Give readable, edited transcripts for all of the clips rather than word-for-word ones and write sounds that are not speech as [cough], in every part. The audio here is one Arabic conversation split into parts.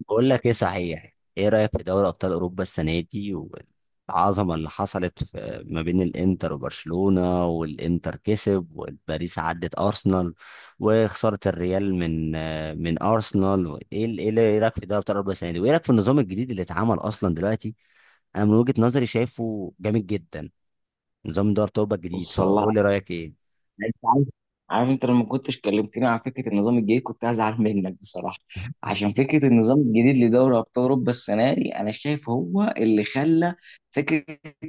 بقول لك ايه، صحيح، ايه رايك في دوري ابطال اوروبا السنه دي؟ والعظمه اللي حصلت في ما بين الانتر وبرشلونه، والانتر كسب، والباريس عدت ارسنال، وخساره الريال من من ارسنال. ايه ال- ايه اللي- إيه رايك في دوري ابطال اوروبا السنه دي، وايه رايك في النظام الجديد اللي اتعمل اصلا دلوقتي؟ انا من وجهه نظري شايفه جامد جدا. نظام دوري ابطال اوروبا الجديد، بص، الله. فقول لي رايك ايه. انت عارف، عارف، انت لما كنتش كلمتني على فكره النظام الجديد كنت هزعل منك بصراحه. عشان فكره النظام الجديد لدوري ابطال اوروبا السنه دي انا شايف هو اللي خلى فكره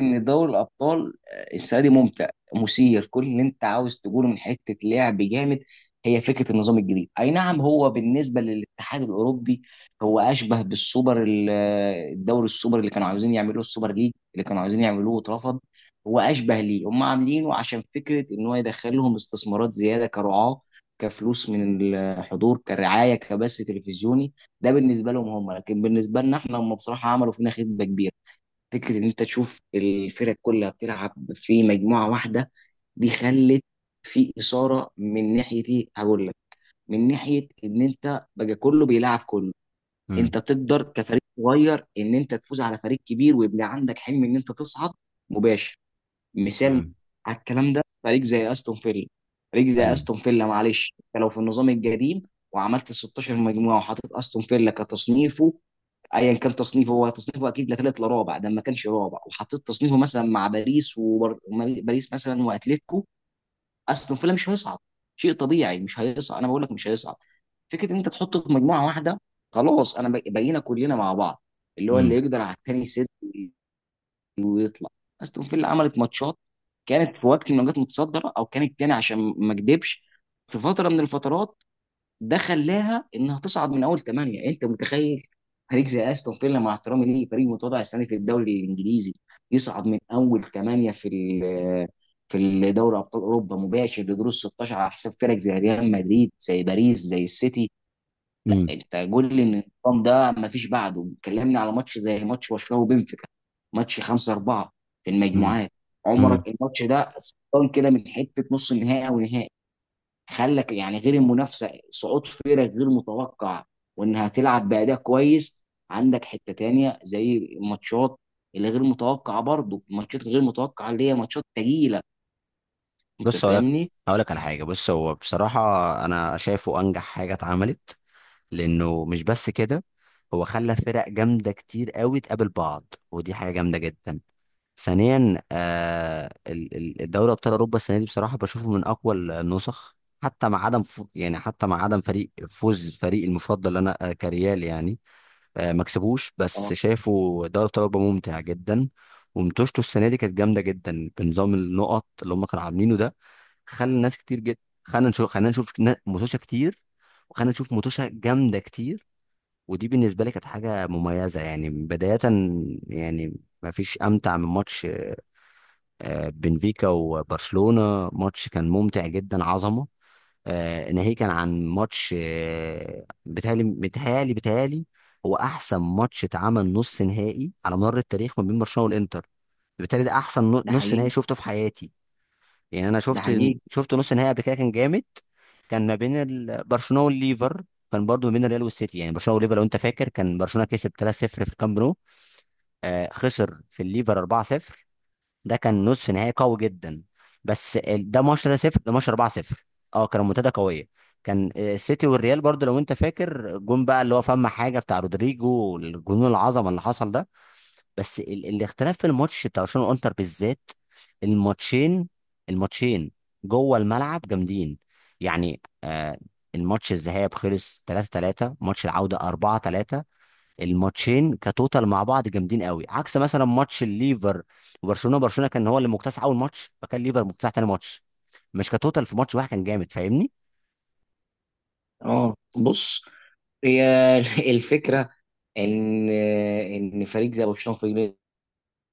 ان دوري الابطال السنه دي ممتع، مثير، كل اللي انت عاوز تقوله من حته لعب جامد. هي فكره النظام الجديد، اي نعم، هو بالنسبه للاتحاد الاوروبي هو اشبه بالسوبر الدوري السوبر اللي كانوا عاوزين يعملوه، السوبر ليج اللي كانوا عاوزين يعملوه واترفض. هو اشبه ليه؟ هم عاملينه عشان فكره ان هو يدخل لهم استثمارات زياده كرعاه، كفلوس من الحضور، كرعايه، كبث تلفزيوني. ده بالنسبه لهم هم، لكن بالنسبه لنا احنا هم بصراحه عملوا فينا خدمه كبيره. فكره ان انت تشوف الفرق كلها بتلعب في مجموعه واحده دي خلت في اثاره. من ناحيه ايه؟ هقول لك. من ناحيه ان انت بقى كله بيلعب كله، امم. انت تقدر كفريق صغير ان انت تفوز على فريق كبير ويبقى عندك حلم ان انت تصعد مباشر. مثال مم. على الكلام ده فريق زي استون فيلا. فريق زي حلو. استون فيلا، معلش، انت لو في النظام القديم وعملت 16 مجموعه وحطيت استون فيلا كتصنيفه، ايا كان تصنيفه، هو تصنيفه اكيد لا ثالث لا رابع، ده ما كانش رابع، وحطيت تصنيفه مثلا مع باريس، وباريس مثلا، واتلتيكو، استون فيلا مش هيصعد. شيء طبيعي مش هيصعد. انا بقول لك مش هيصعد. فكره ان انت تحطه في مجموعه واحده، خلاص، انا بقينا كلنا مع بعض، اللي هو اللي امم. يقدر على التاني يسد، تطلع. استون فيلا عملت ماتشات، كانت في وقت ما كانت متصدره او كانت تاني، عشان ما اكدبش، في فتره من الفترات. ده خلاها انها تصعد من اول ثمانيه. انت متخيل فريق زي استون فيلا، مع احترامي ليه فريق متواضع السنه دي في الدوري الانجليزي، يصعد من اول ثمانيه في في دوري ابطال اوروبا مباشر لدور ال 16 على حساب فرق زي ريال مدريد، زي باريس، زي السيتي. لا، امم. انت قول لي ان النظام ده ما فيش بعده. كلمني على ماتش زي ماتش برشلونه وبنفيكا، ماتش 5-4 في المجموعات. مم. عمرك الماتش ده سلطان كده من حته نص النهائي او نهائي؟ خلك يعني، غير المنافسه، صعود فرق غير متوقع، وانها تلعب باداء كويس. عندك حته تانية زي الماتشات اللي غير متوقعه برضه، الماتشات الغير متوقعه اللي هي ماتشات تقيله. انت بص، هقولك فاهمني؟ هقولك على حاجة. بص هو بصراحة أنا شايفه أنجح حاجة اتعملت، لأنه مش بس كده، هو خلى فرق جامدة كتير قوي تقابل بعض، ودي حاجة جامدة جدا. ثانيا، الدوري أبطال أوروبا السنة دي بصراحة بشوفه من أقوى النسخ، حتى مع عدم يعني حتى مع عدم فريق، فوز فريق المفضل اللي أنا، كريال يعني، آه، ما كسبوش، بس اه. شايفه دوري أبطال أوروبا ممتع جدا. ومتوشته السنة دي كانت جامدة جدا، بنظام النقط اللي هم كانوا عاملينه ده. خلى ناس كتير جدا، خلى نشوف خلينا نشوف متوشة كتير، وخلينا نشوف متوشة جامدة كتير. ودي بالنسبة لي كانت حاجة مميزة، يعني بداية، يعني ما فيش أمتع من ماتش بنفيكا وبرشلونة. ماتش كان ممتع جدا، عظمة. ناهيك كان عن ماتش، بيتهيألي هو أحسن ماتش اتعمل نص نهائي على مر التاريخ، ما بين برشلونة والإنتر. بالتالي ده أحسن ده نص نهائي حقيقي. شفته في حياتي. يعني انا ده شفت حقيقي. شفت نص نهائي قبل كده كان جامد، كان ما بين برشلونه والليفر، كان برضو ما بين الريال والسيتي. يعني برشلونه والليفر لو انت فاكر، كان برشلونه كسب 3-0 في الكامب نو، خسر في الليفر 4-0. ده كان نصف نهائي قوي جدا. ده ماتش ده صفر، ده ماتش 4-0. اه كان منتدى قويه. كان السيتي والريال برضو لو انت فاكر، جون بقى اللي هو فما حاجه بتاع رودريجو، والجنون العظمه اللي حصل ده. بس ال الاختلاف في الماتش بتاع برشلونه وانتر بالذات، الماتشين الماتشين جوه الملعب جامدين. يعني آه الماتش الذهاب خلص 3-3، ماتش العوده 4-3. الماتشين كتوتال مع بعض جامدين قوي، عكس مثلا ماتش الليفر وبرشلونه. برشلونه كان هو اللي مكتسح اول ماتش، فكان ليفر مكتسح تاني ماتش، مش كتوتال في ماتش واحد كان جامد. فاهمني؟ اه، بص، هي [laughs] الفكره ان فريق زي برشلونه وفريق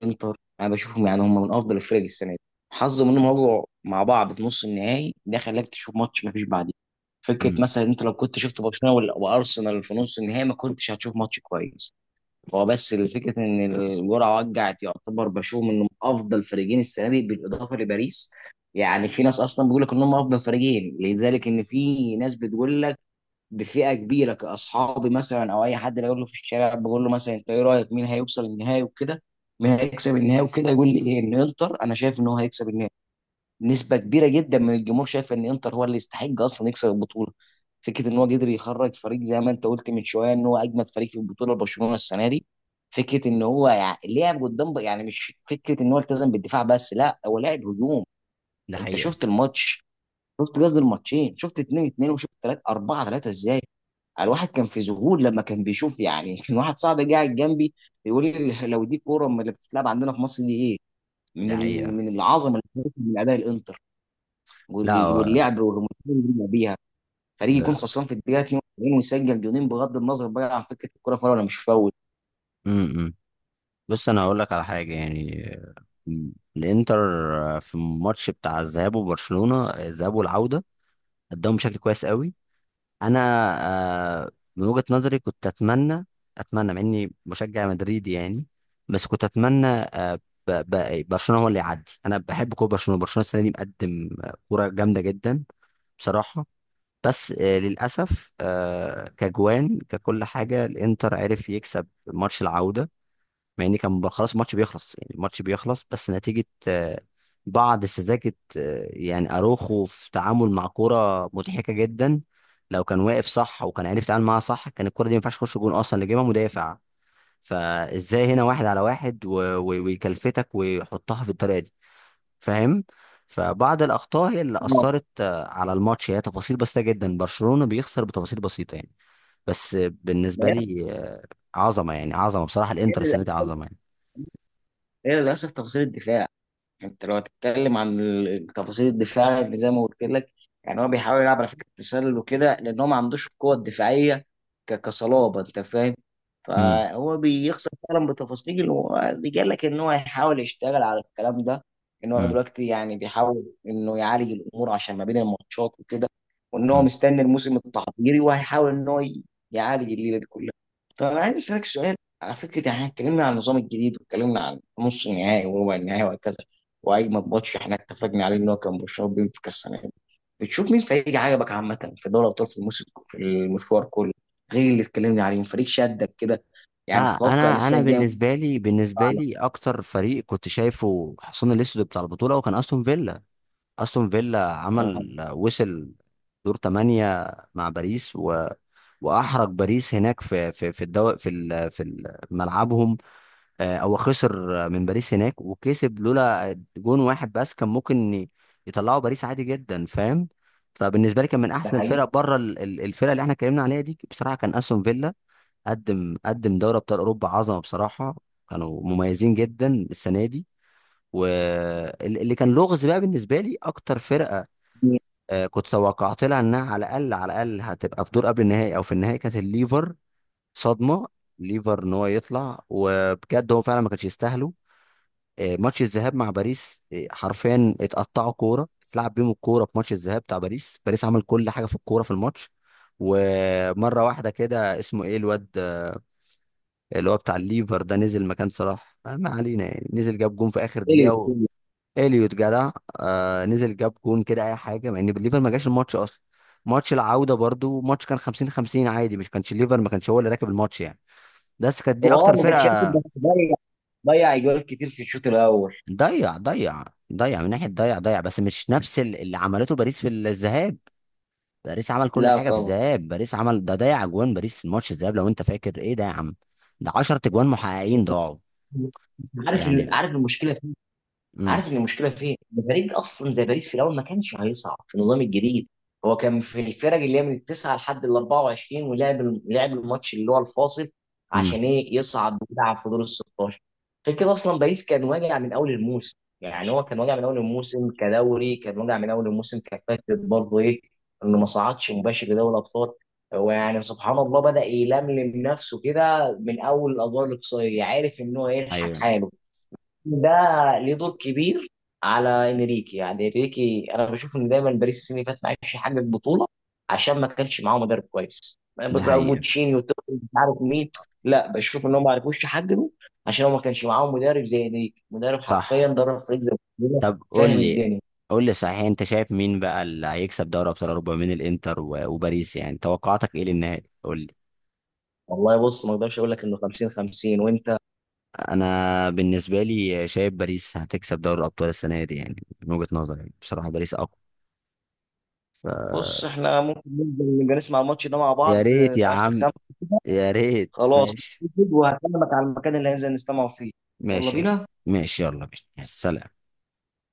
الانتر انا بشوفهم يعني هم من افضل الفرق السنه دي. حظهم انهم وقعوا مع بعض في نص النهائي، ده خلاك تشوف ماتش ما فيش بعديه. فكره امم. مثلا انت لو كنت شفت برشلونه وارسنال في نص النهائي ما كنتش هتشوف ماتش كويس. هو بس الفكره ان الجرعه وجعت. يعتبر بشوفهم انهم افضل فريقين السنه دي بالاضافه لباريس. يعني في ناس اصلا بيقول لك انهم افضل فريقين، لذلك ان في ناس بتقول لك بفئه كبيره كاصحابي مثلا او اي حد بقول له في الشارع، بقول له مثلا انت ايه رايك مين هيوصل النهائي وكده، مين هيكسب النهائي وكده، يقول لي ايه؟ ان انتر. انا شايف ان هو هيكسب النهائي. نسبه كبيره جدا من الجمهور شايف ان انتر هو اللي يستحق اصلا يكسب البطوله. فكره ان هو قدر يخرج فريق، زي ما انت قلت من شويه، ان هو اجمد فريق في البطوله برشلونه السنه دي. فكره ان هو يعني لعب قدام يعني مش فكره ان هو التزم بالدفاع بس، لا، هو لعب هجوم. ده انت حقيقة. شفت الماتش؟ شفت، قصدي الماتشين، شفت 2-2، وشفت 3 4 3، ازاي؟ الواحد كان في ذهول لما كان بيشوف يعني. [laughs] كان واحد صاحبي قاعد جنبي بيقول لي لو دي كوره، من اللي بتتلعب عندنا في مصر دي ايه، من ده حقيقة. من العظمه اللي بتحصل من اداء الانتر لا هو. واللعب والريمونتادا اللي بيلعب بيها. فريق يكون ده- خسران في الدقيقه 42 ويسجل جونين، بغض النظر بقى عن فكره الكوره فاول ولا مش فاول. امم. بص انا هقول لك على حاجه، يعني، م، الانتر في الماتش بتاع الذهاب وبرشلونه، الذهاب والعوده، قدموا بشكل كويس قوي. انا، آه، من وجهة نظري كنت اتمنى مع اني مشجع مدريدي يعني، بس كنت اتمنى، برشلونة هو اللي يعدي. انا بحب كوره برشلونة. برشلونة السنة دي مقدم كوره جامدة جدا بصراحة. بس للاسف كجوان ككل حاجة، الانتر عرف يكسب ماتش العودة، مع ان كان خلاص الماتش بيخلص، يعني الماتش بيخلص بس، نتيجة بعض سذاجة. يعني اروخو في تعامل مع كرة مضحكة جدا. لو كان واقف صح وكان عارف يتعامل معاها صح، كان الكرة دي ما ينفعش تخش جون، اصلا اللي جايبها مدافع. فازاي هنا واحد على واحد ويكلفتك ويحطها في الطريقة دي؟ فاهم؟ فبعض الاخطاء هي اللي آه، اثرت على الماتش، هي تفاصيل بسيطة جدا، برشلونة بيخسر بتفاصيل بسيطة يعني. بس ما بالنسبة هي، لي، عظمة يعني، عظمة بصراحة، هي الانتر السنة دي للاسف عظمة هي للاسف تفاصيل الدفاع. انت لو هتتكلم عن تفاصيل الدفاع اللي زي ما قلت لك، يعني هو بيحاول يلعب على فكره التسلل وكده لان هو ما عندوش القوه الدفاعيه، كصلابه، انت فاهم. يعني. فهو بيخسر فعلا بتفاصيل، ودي قال لك ان هو هيحاول يشتغل على الكلام ده، ان هو مم. دلوقتي يعني بيحاول انه يعالج الامور عشان ما بين الماتشات وكده، وان هو مم. مستني الموسم التحضيري وهيحاول ان هو يعالج الليله دي كلها. طب انا عايز اسالك سؤال. على فكره يعني احنا اتكلمنا عن النظام الجديد، واتكلمنا عن نص النهائي وربع النهائي وهكذا، واجمد ماتش احنا اتفقنا عليه ان هو كان برشلونه بينفيكا السنه دي، بتشوف مين فريق عجبك عامه في دوري ابطال في الموسم في المشوار كله غير اللي اتكلمنا عليه؟ فريق شدك كده، يعني آه تتوقع ان انا السنه انا الجايه ممكن. بالنسبه لي، على- اكتر فريق كنت شايفه حصان الاسود بتاع البطوله، وكان استون فيلا. استون فيلا آه، عمل، وصل دور 8 مع باريس، و... واحرج باريس هناك في الدو... في ال... ملعبهم. هو خسر من باريس هناك، وكسب، لولا جون واحد بس كان ممكن يطلعوا باريس عادي جدا. فاهم؟ فبالنسبه لي كان من ده احسن حقيقي. الفرق، بره الفرق اللي احنا اتكلمنا عليها دي، بصراحه كان استون فيلا. قدم دوري ابطال اوروبا عظمه بصراحه، كانوا مميزين جدا السنه دي. واللي كان لغز بقى بالنسبه لي، اكتر فرقه كنت توقعت لها انها على الاقل، على الاقل هتبقى في دور قبل النهائي او في النهائي، كانت الليفر. صدمه. ليفر ان هو يطلع، وبجد هو فعلا ما كانش يستاهله. ماتش الذهاب مع باريس، حرفيا اتقطعوا كوره، اتلعب بيهم الكوره في ماتش الذهاب بتاع باريس. باريس عمل كل حاجه في الكوره في الماتش. ومره واحده كده، اسمه ايه الواد، اللي هو بتاع الليفر ده، نزل مكان صلاح، ما علينا يعني، نزل جاب جون في اخر إيه دقيقه، و... يقول؟ اليوت جدع. نزل جاب جون كده، اي حاجه، مع ان الليفر ما جاش الماتش اصلا. ماتش العوده برضو ماتش كان 50-50 عادي، مش كانش الليفر، ما كانش هو اللي راكب الماتش يعني. بس كانت دي هو اه اكتر ما كانش راكب، فرقه. بس ضيع، ضيع اجوال كتير في الشوط الاول. ضيع ضيع، ضيع من ناحيه، ضيع ضيع، بس مش نفس اللي عملته باريس في الذهاب. باريس عمل كل لا حاجه في طبعا. الذهاب. باريس عمل، ده ضيع اجوان. باريس الماتش الذهاب لو انت فاكر، ايه ده يا عم؟ ده 10 اجوان محققين ضاعوا عارف يعني. عارف المشكله؟ امم. عارف ان المشكله فين؟ ان فريق اصلا زي باريس في الاول ما كانش هيصعد في النظام الجديد. هو كان في الفرق اللي هي من التسعه لحد ال 24، لعب الماتش اللي هو الفاصل امم. عشان ايه؟ يصعد ويلعب في دور ال 16. غير كده اصلا باريس كان واجع من اول الموسم، يعني هو كان واجع من اول الموسم كدوري، كان واجع من اول الموسم كفكره برضه ايه؟ انه ما صعدش مباشر لدوري الابطال. هو يعني سبحان الله بدأ يلملم نفسه كده من اول الادوار الاقصائيه، عارف ان هو يلحق ايوه. حاله. ده ليه دور كبير على انريكي، يعني انريكي انا بشوف ان دايما باريس السنه اللي فاتت ما عرفش يحقق بطوله عشان ما كانش معاه مدرب كويس. ده حقيقي. بوتشيني وتوخيل مش عارف مين، لا بشوف ان هم ما عرفوش يحققوا عشان هو ما كانش معاهم مدرب زي انريكي، مدرب صح. حرفيا درب فريق زي برشلونه. طب فاهم الدنيا. قول لي صحيح، انت شايف مين بقى اللي هيكسب دوري ابطال اوروبا من الانتر وباريس؟ يعني توقعاتك ايه للنهائي؟ قول لي. والله، بص، ما اقدرش اقول لك انه 50 50، وانت. انا بالنسبه لي شايف باريس هتكسب دوري الابطال السنه دي، يعني من وجهه نظري بصراحه باريس اقوى. ف... بص احنا ممكن ننزل نبقى نسمع الماتش ده مع يا بعض ريت في يا اخر عم. خمسه. يا ريت، خلاص، ماشي. وهكلمك على المكان اللي هننزل نستمع فيه. يلا ماشي. بينا. ماشي، يلا بينا. يا سلام.